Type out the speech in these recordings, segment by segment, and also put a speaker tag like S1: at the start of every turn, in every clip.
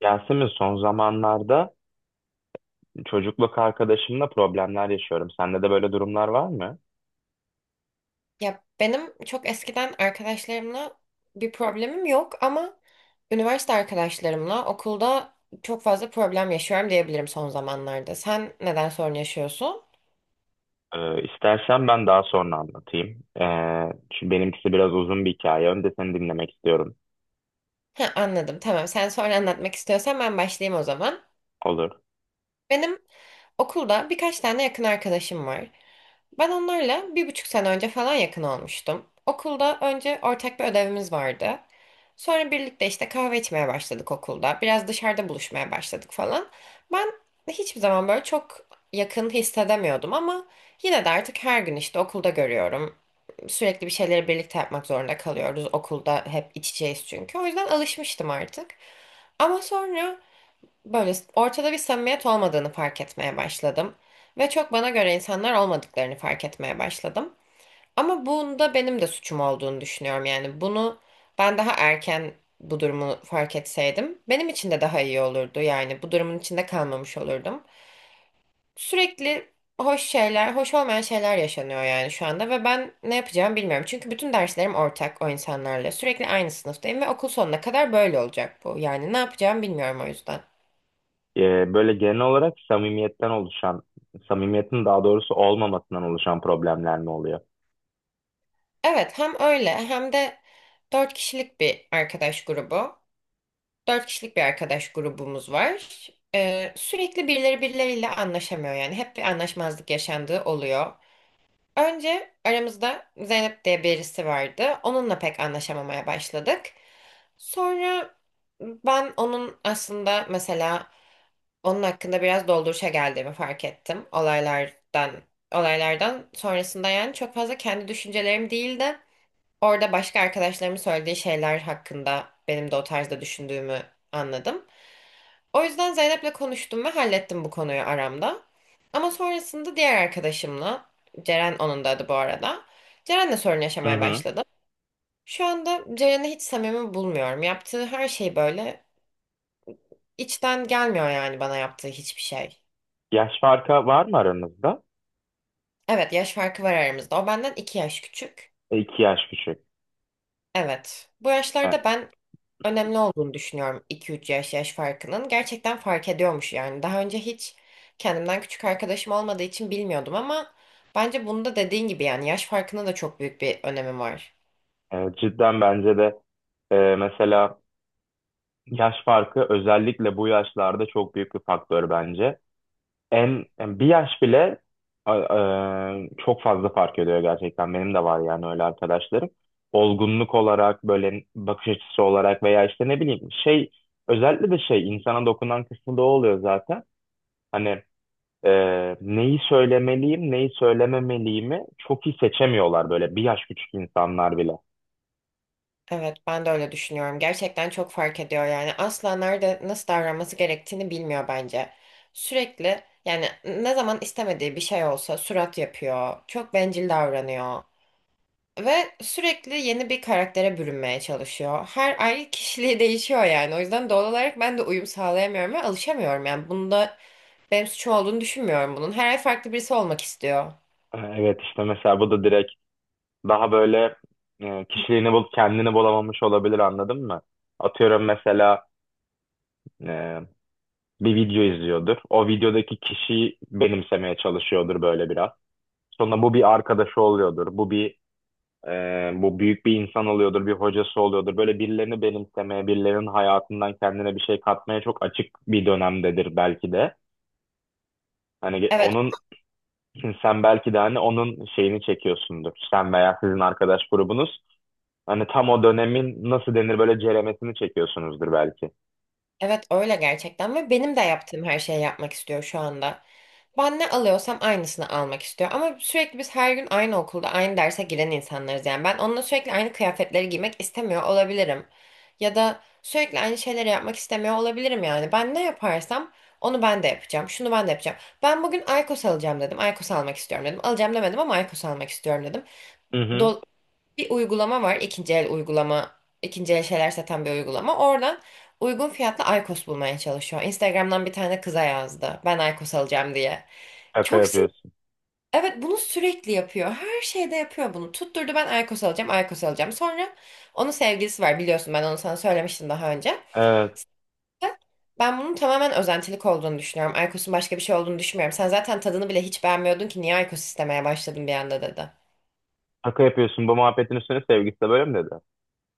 S1: Yasemin, son zamanlarda çocukluk arkadaşımla problemler yaşıyorum. Sende de böyle durumlar var mı?
S2: Ya benim çok eskiden arkadaşlarımla bir problemim yok ama üniversite arkadaşlarımla okulda çok fazla problem yaşıyorum diyebilirim son zamanlarda. Sen neden sorun yaşıyorsun?
S1: İstersen ben daha sonra anlatayım. Çünkü benimkisi biraz uzun bir hikaye. Önce seni dinlemek istiyorum.
S2: Ha, anladım. Tamam. Sen sonra anlatmak istiyorsan ben başlayayım o zaman.
S1: Olur.
S2: Benim okulda birkaç tane yakın arkadaşım var. Ben onlarla bir buçuk sene önce falan yakın olmuştum. Okulda önce ortak bir ödevimiz vardı. Sonra birlikte işte kahve içmeye başladık okulda. Biraz dışarıda buluşmaya başladık falan. Ben hiçbir zaman böyle çok yakın hissedemiyordum ama yine de artık her gün işte okulda görüyorum. Sürekli bir şeyleri birlikte yapmak zorunda kalıyoruz. Okulda hep içeceğiz çünkü. O yüzden alışmıştım artık. Ama sonra böyle ortada bir samimiyet olmadığını fark etmeye başladım. Ve çok bana göre insanlar olmadıklarını fark etmeye başladım. Ama bunda benim de suçum olduğunu düşünüyorum. Yani bunu ben daha erken bu durumu fark etseydim benim için de daha iyi olurdu. Yani bu durumun içinde kalmamış olurdum. Sürekli hoş şeyler, hoş olmayan şeyler yaşanıyor yani şu anda ve ben ne yapacağımı bilmiyorum. Çünkü bütün derslerim ortak o insanlarla. Sürekli aynı sınıftayım ve okul sonuna kadar böyle olacak bu. Yani ne yapacağımı bilmiyorum o yüzden.
S1: Böyle genel olarak samimiyetten oluşan, samimiyetin daha doğrusu olmamasından oluşan problemler mi oluyor?
S2: Evet, hem öyle hem de dört kişilik bir arkadaş grubu. Dört kişilik bir arkadaş grubumuz var. Sürekli birileri birileriyle anlaşamıyor yani. Hep bir anlaşmazlık yaşandığı oluyor. Önce aramızda Zeynep diye birisi vardı. Onunla pek anlaşamamaya başladık. Sonra ben onun aslında mesela onun hakkında biraz dolduruşa geldiğimi fark ettim. Olaylardan sonrasında yani çok fazla kendi düşüncelerim değildi. Orada başka arkadaşlarımın söylediği şeyler hakkında benim de o tarzda düşündüğümü anladım. O yüzden Zeynep'le konuştum ve hallettim bu konuyu aramda. Ama sonrasında diğer arkadaşımla, Ceren onun da adı bu arada. Ceren'le sorun
S1: Hı
S2: yaşamaya
S1: hı.
S2: başladım. Şu anda Ceren'i hiç samimi bulmuyorum. Yaptığı her şey böyle içten gelmiyor yani bana yaptığı hiçbir şey.
S1: Yaş farkı var mı aranızda?
S2: Evet yaş farkı var aramızda. O benden iki yaş küçük.
S1: E, iki yaş küçük.
S2: Evet. Bu
S1: E,
S2: yaşlarda ben önemli olduğunu düşünüyorum 2-3 yaş farkının. Gerçekten fark ediyormuş yani. Daha önce hiç kendimden küçük arkadaşım olmadığı için bilmiyordum ama bence bunda dediğin gibi yani yaş farkına da çok büyük bir önemi var.
S1: Cidden bence de, mesela yaş farkı özellikle bu yaşlarda çok büyük bir faktör bence. En yani bir yaş bile çok fazla fark ediyor gerçekten. Benim de var yani öyle arkadaşlarım. Olgunluk olarak, böyle bakış açısı olarak veya işte ne bileyim şey, özellikle de şey insana dokunan kısmı da o oluyor zaten. Hani, neyi söylemeliyim, neyi söylememeliyimi çok iyi seçemiyorlar böyle bir yaş küçük insanlar bile.
S2: Evet, ben de öyle düşünüyorum. Gerçekten çok fark ediyor yani. Asla nerede nasıl davranması gerektiğini bilmiyor bence. Sürekli yani ne zaman istemediği bir şey olsa surat yapıyor. Çok bencil davranıyor. Ve sürekli yeni bir karaktere bürünmeye çalışıyor. Her ay kişiliği değişiyor yani. O yüzden doğal olarak ben de uyum sağlayamıyorum ve alışamıyorum. Yani bunda benim suçum olduğunu düşünmüyorum bunun. Her ay farklı birisi olmak istiyor.
S1: E, evet, işte mesela bu da direkt daha böyle, kişiliğini bulup kendini bulamamış olabilir, anladın mı? Atıyorum, mesela, e, bir video izliyordur. O videodaki kişiyi benimsemeye çalışıyordur böyle biraz. Sonra bu bir arkadaşı oluyordur. Bu büyük bir insan oluyordur, bir hocası oluyordur. Böyle birilerini benimsemeye, birilerinin hayatından kendine bir şey katmaya çok açık bir dönemdedir belki de.
S2: Evet,
S1: Onun, sen belki de hani onun şeyini çekiyorsundur. Sen veya sizin arkadaş grubunuz hani tam o dönemin nasıl denir böyle ceremesini çekiyorsunuzdur belki.
S2: evet öyle gerçekten ve benim de yaptığım her şeyi yapmak istiyor şu anda. Ben ne alıyorsam aynısını almak istiyor. Ama sürekli biz her gün aynı okulda aynı derse giren insanlarız yani. Ben onunla sürekli aynı kıyafetleri giymek istemiyor olabilirim. Ya da sürekli aynı şeyleri yapmak istemiyor olabilirim yani. Ben ne yaparsam onu ben de yapacağım. Şunu ben de yapacağım. Ben bugün Aykos alacağım dedim. Aykos almak istiyorum dedim. Alacağım demedim ama Aykos almak istiyorum dedim,
S1: Hı hı.
S2: do- bir uygulama var. İkinci el uygulama, ikinci el şeyler satan bir uygulama. Oradan uygun fiyatlı Aykos bulmaya çalışıyor. Instagram'dan bir tane kıza yazdı. Ben Aykos alacağım diye.
S1: Şaka
S2: Çok sinir.
S1: yapıyorsun.
S2: Evet bunu sürekli yapıyor. Her şeyde yapıyor bunu. Tutturdu ben Aykos alacağım, Aykos alacağım. Sonra onun sevgilisi var biliyorsun ben onu sana söylemiştim daha önce.
S1: Evet.
S2: Ben bunun tamamen özentilik olduğunu düşünüyorum. Aykos'un başka bir şey olduğunu düşünmüyorum. Sen zaten tadını bile hiç beğenmiyordun ki niye Aykos istemeye başladın bir anda dedi.
S1: Şaka yapıyorsun, bu muhabbetin üstüne sevgisi de böyle mi dedi?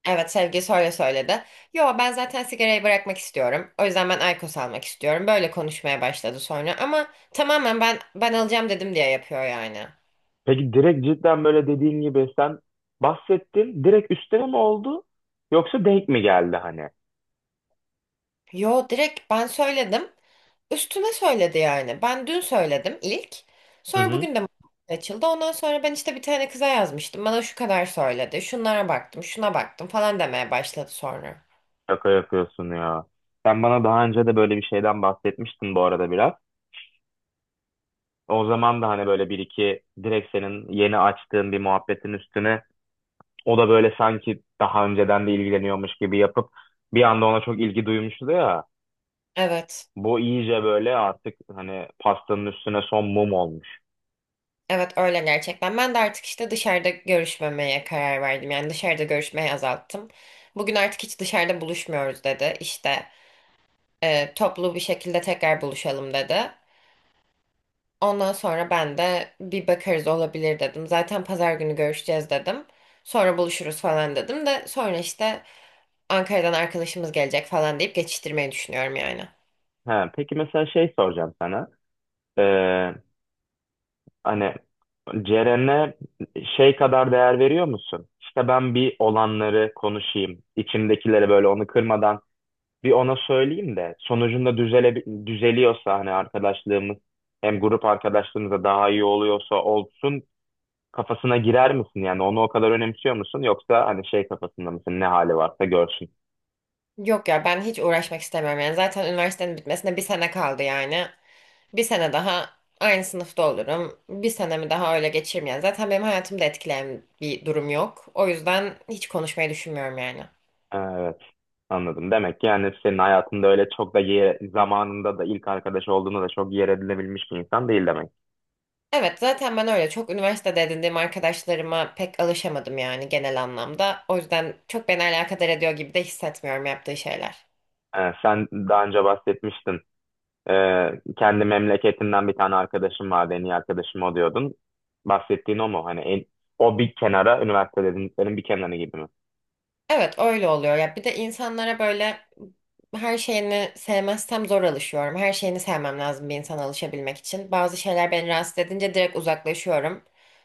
S2: Evet sevgilisi öyle söyledi. Yo ben zaten sigarayı bırakmak istiyorum. O yüzden ben IQOS almak istiyorum. Böyle konuşmaya başladı sonra ama tamamen ben alacağım dedim diye yapıyor yani.
S1: Peki direkt cidden böyle dediğin gibi, sen bahsettin direkt üstüne mi oldu, yoksa denk mi geldi hani?
S2: Yo direkt ben söyledim. Üstüne söyledi yani. Ben dün söyledim ilk.
S1: Hı
S2: Sonra
S1: hı.
S2: bugün de açıldı. Ondan sonra ben işte bir tane kıza yazmıştım. Bana şu kadar söyledi. Şunlara baktım, şuna baktım falan demeye başladı sonra.
S1: Şaka yapıyorsun ya. Sen bana daha önce de böyle bir şeyden bahsetmiştin bu arada, biraz. O zaman da hani böyle bir iki direkt senin yeni açtığın bir muhabbetin üstüne, o da böyle sanki daha önceden de ilgileniyormuş gibi yapıp bir anda ona çok ilgi duymuştu ya.
S2: Evet.
S1: Bu iyice böyle artık hani pastanın üstüne son mum olmuş.
S2: Evet öyle gerçekten. Ben de artık işte dışarıda görüşmemeye karar verdim. Yani dışarıda görüşmeyi azalttım. Bugün artık hiç dışarıda buluşmuyoruz dedi. İşte toplu bir şekilde tekrar buluşalım dedi. Ondan sonra ben de bir bakarız olabilir dedim. Zaten pazar günü görüşeceğiz dedim. Sonra buluşuruz falan dedim de sonra işte Ankara'dan arkadaşımız gelecek falan deyip geçiştirmeyi düşünüyorum yani.
S1: Ha, peki mesela şey soracağım sana. Ee, Hani Ceren'e şey kadar değer veriyor musun? İşte ben bir olanları konuşayım, içimdekileri böyle onu kırmadan bir ona söyleyeyim de sonucunda düzeliyorsa hani arkadaşlığımız, hem grup arkadaşlığımız da daha iyi oluyorsa olsun kafasına girer misin? Yani onu o kadar önemsiyor musun? Yoksa hani şey kafasında mısın, ne hali varsa görsün?
S2: Yok ya ben hiç uğraşmak istemiyorum yani. Zaten üniversitenin bitmesine bir sene kaldı yani. Bir sene daha aynı sınıfta olurum. Bir senemi daha öyle geçiririm yani. Zaten benim hayatımda etkileyen bir durum yok. O yüzden hiç konuşmayı düşünmüyorum yani.
S1: Ha, evet, anladım. Demek ki yani senin hayatında öyle çok da yer, zamanında da ilk arkadaş olduğunda da çok yer edinebilmiş bir insan değil demek.
S2: Evet zaten ben öyle çok üniversitede edindiğim arkadaşlarıma pek alışamadım yani genel anlamda. O yüzden çok beni alakadar ediyor gibi de hissetmiyorum yaptığı şeyler.
S1: Sen daha önce bahsetmiştin. Kendi memleketinden bir tane arkadaşım vardı, en iyi arkadaşım o diyordun. Bahsettiğin o mu? O bir kenara, üniversite dediklerin bir kenarı gibi mi?
S2: Evet öyle oluyor. Ya bir de insanlara böyle her şeyini sevmezsem zor alışıyorum. Her şeyini sevmem lazım bir insana alışabilmek için. Bazı şeyler beni rahatsız edince direkt uzaklaşıyorum.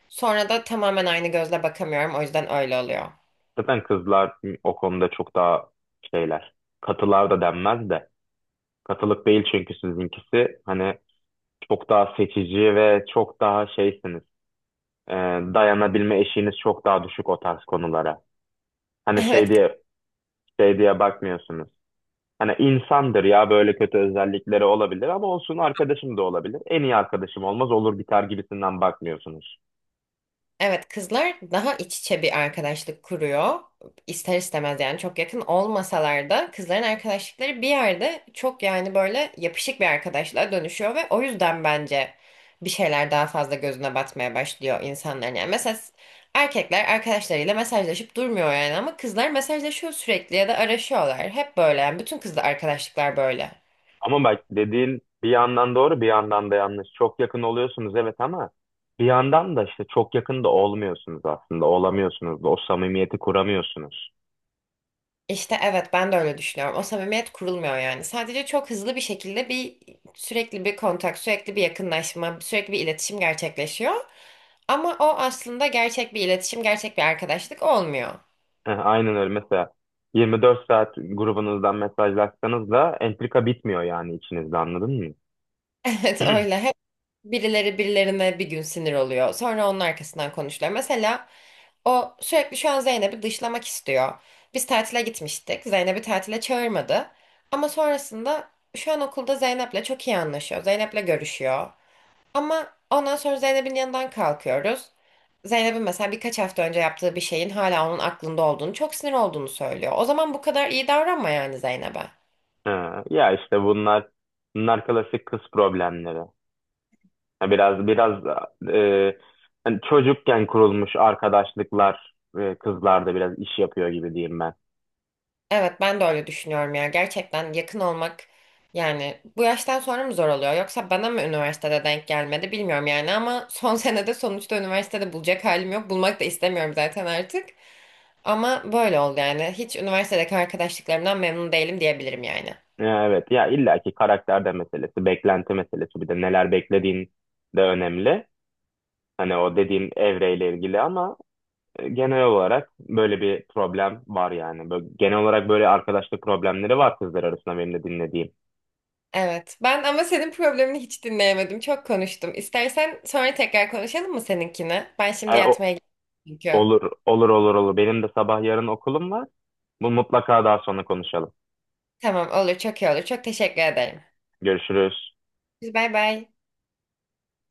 S2: Sonra da tamamen aynı gözle bakamıyorum. O yüzden öyle oluyor.
S1: Zaten kızlar o konuda çok daha şeyler. Katılar da denmez de. Katılık değil çünkü sizinkisi. Hani çok daha seçici ve çok daha şeysiniz. e, Dayanabilme eşiğiniz çok daha düşük o tarz konulara. Hani şey
S2: Evet,
S1: diye şey diye bakmıyorsunuz. Hani insandır ya, böyle kötü özellikleri olabilir ama olsun arkadaşım da olabilir. En iyi arkadaşım olmaz, olur biter gibisinden bakmıyorsunuz.
S2: evet kızlar daha iç içe bir arkadaşlık kuruyor. İster istemez yani çok yakın olmasalar da kızların arkadaşlıkları bir yerde çok yani böyle yapışık bir arkadaşlığa dönüşüyor ve o yüzden bence bir şeyler daha fazla gözüne batmaya başlıyor insanların. Yani mesela erkekler arkadaşlarıyla mesajlaşıp durmuyor yani ama kızlar mesajlaşıyor sürekli ya da araşıyorlar. Hep böyle yani bütün kızla arkadaşlıklar böyle.
S1: Ama bak dediğin bir yandan doğru, bir yandan da yanlış. Çok yakın oluyorsunuz evet, ama bir yandan da işte çok yakın da olmuyorsunuz aslında. Olamıyorsunuz da, o samimiyeti kuramıyorsunuz.
S2: İşte evet ben de öyle düşünüyorum. O samimiyet kurulmuyor yani. Sadece çok hızlı bir şekilde sürekli bir kontak, sürekli bir yakınlaşma, sürekli bir iletişim gerçekleşiyor. Ama o aslında gerçek bir iletişim, gerçek bir arkadaşlık olmuyor.
S1: Eh, aynen öyle. Mesela 24 saat grubunuzdan mesajlaşsanız da entrika bitmiyor yani içinizde, anladın mı?
S2: Evet öyle. Hep birileri birilerine bir gün sinir oluyor. Sonra onun arkasından konuşuyor. Mesela o sürekli şu an Zeynep'i dışlamak istiyor. Biz tatile gitmiştik. Zeynep'i tatile çağırmadı. Ama sonrasında şu an okulda Zeynep'le çok iyi anlaşıyor. Zeynep'le görüşüyor. Ama ondan sonra Zeynep'in yanından kalkıyoruz. Zeynep'in mesela birkaç hafta önce yaptığı bir şeyin hala onun aklında olduğunu, çok sinir olduğunu söylüyor. O zaman bu kadar iyi davranma yani Zeynep'e.
S1: Ee, Ya işte bunlar klasik kız problemleri. Ya biraz biraz e, hani çocukken kurulmuş arkadaşlıklar, kızlarda biraz iş yapıyor gibi diyeyim ben.
S2: Evet ben de öyle düşünüyorum ya. Gerçekten yakın olmak yani bu yaştan sonra mı zor oluyor? Yoksa bana mı üniversitede denk gelmedi bilmiyorum yani ama son senede sonuçta üniversitede bulacak halim yok. Bulmak da istemiyorum zaten artık. Ama böyle oldu yani. Hiç üniversitedeki arkadaşlıklarımdan memnun değilim diyebilirim yani.
S1: Evet ya, illaki karakter de meselesi, beklenti meselesi, bir de neler beklediğin de önemli. Hani o dediğim evreyle ilgili ama. E, genel olarak böyle bir problem var yani. Böyle, genel olarak böyle arkadaşlık problemleri var kızlar arasında benim de dinlediğim.
S2: Evet. Ben ama senin problemini hiç dinleyemedim. Çok konuştum. İstersen sonra tekrar konuşalım mı seninkini? Ben
S1: E,
S2: şimdi
S1: o,
S2: yatmaya gidiyorum çünkü.
S1: olur, olur, olur, olur. Benim de sabah yarın okulum var. Bu mutlaka daha sonra konuşalım.
S2: Tamam olur. Çok iyi olur. Çok teşekkür ederim.
S1: Görüşürüz.
S2: Biz bay bay.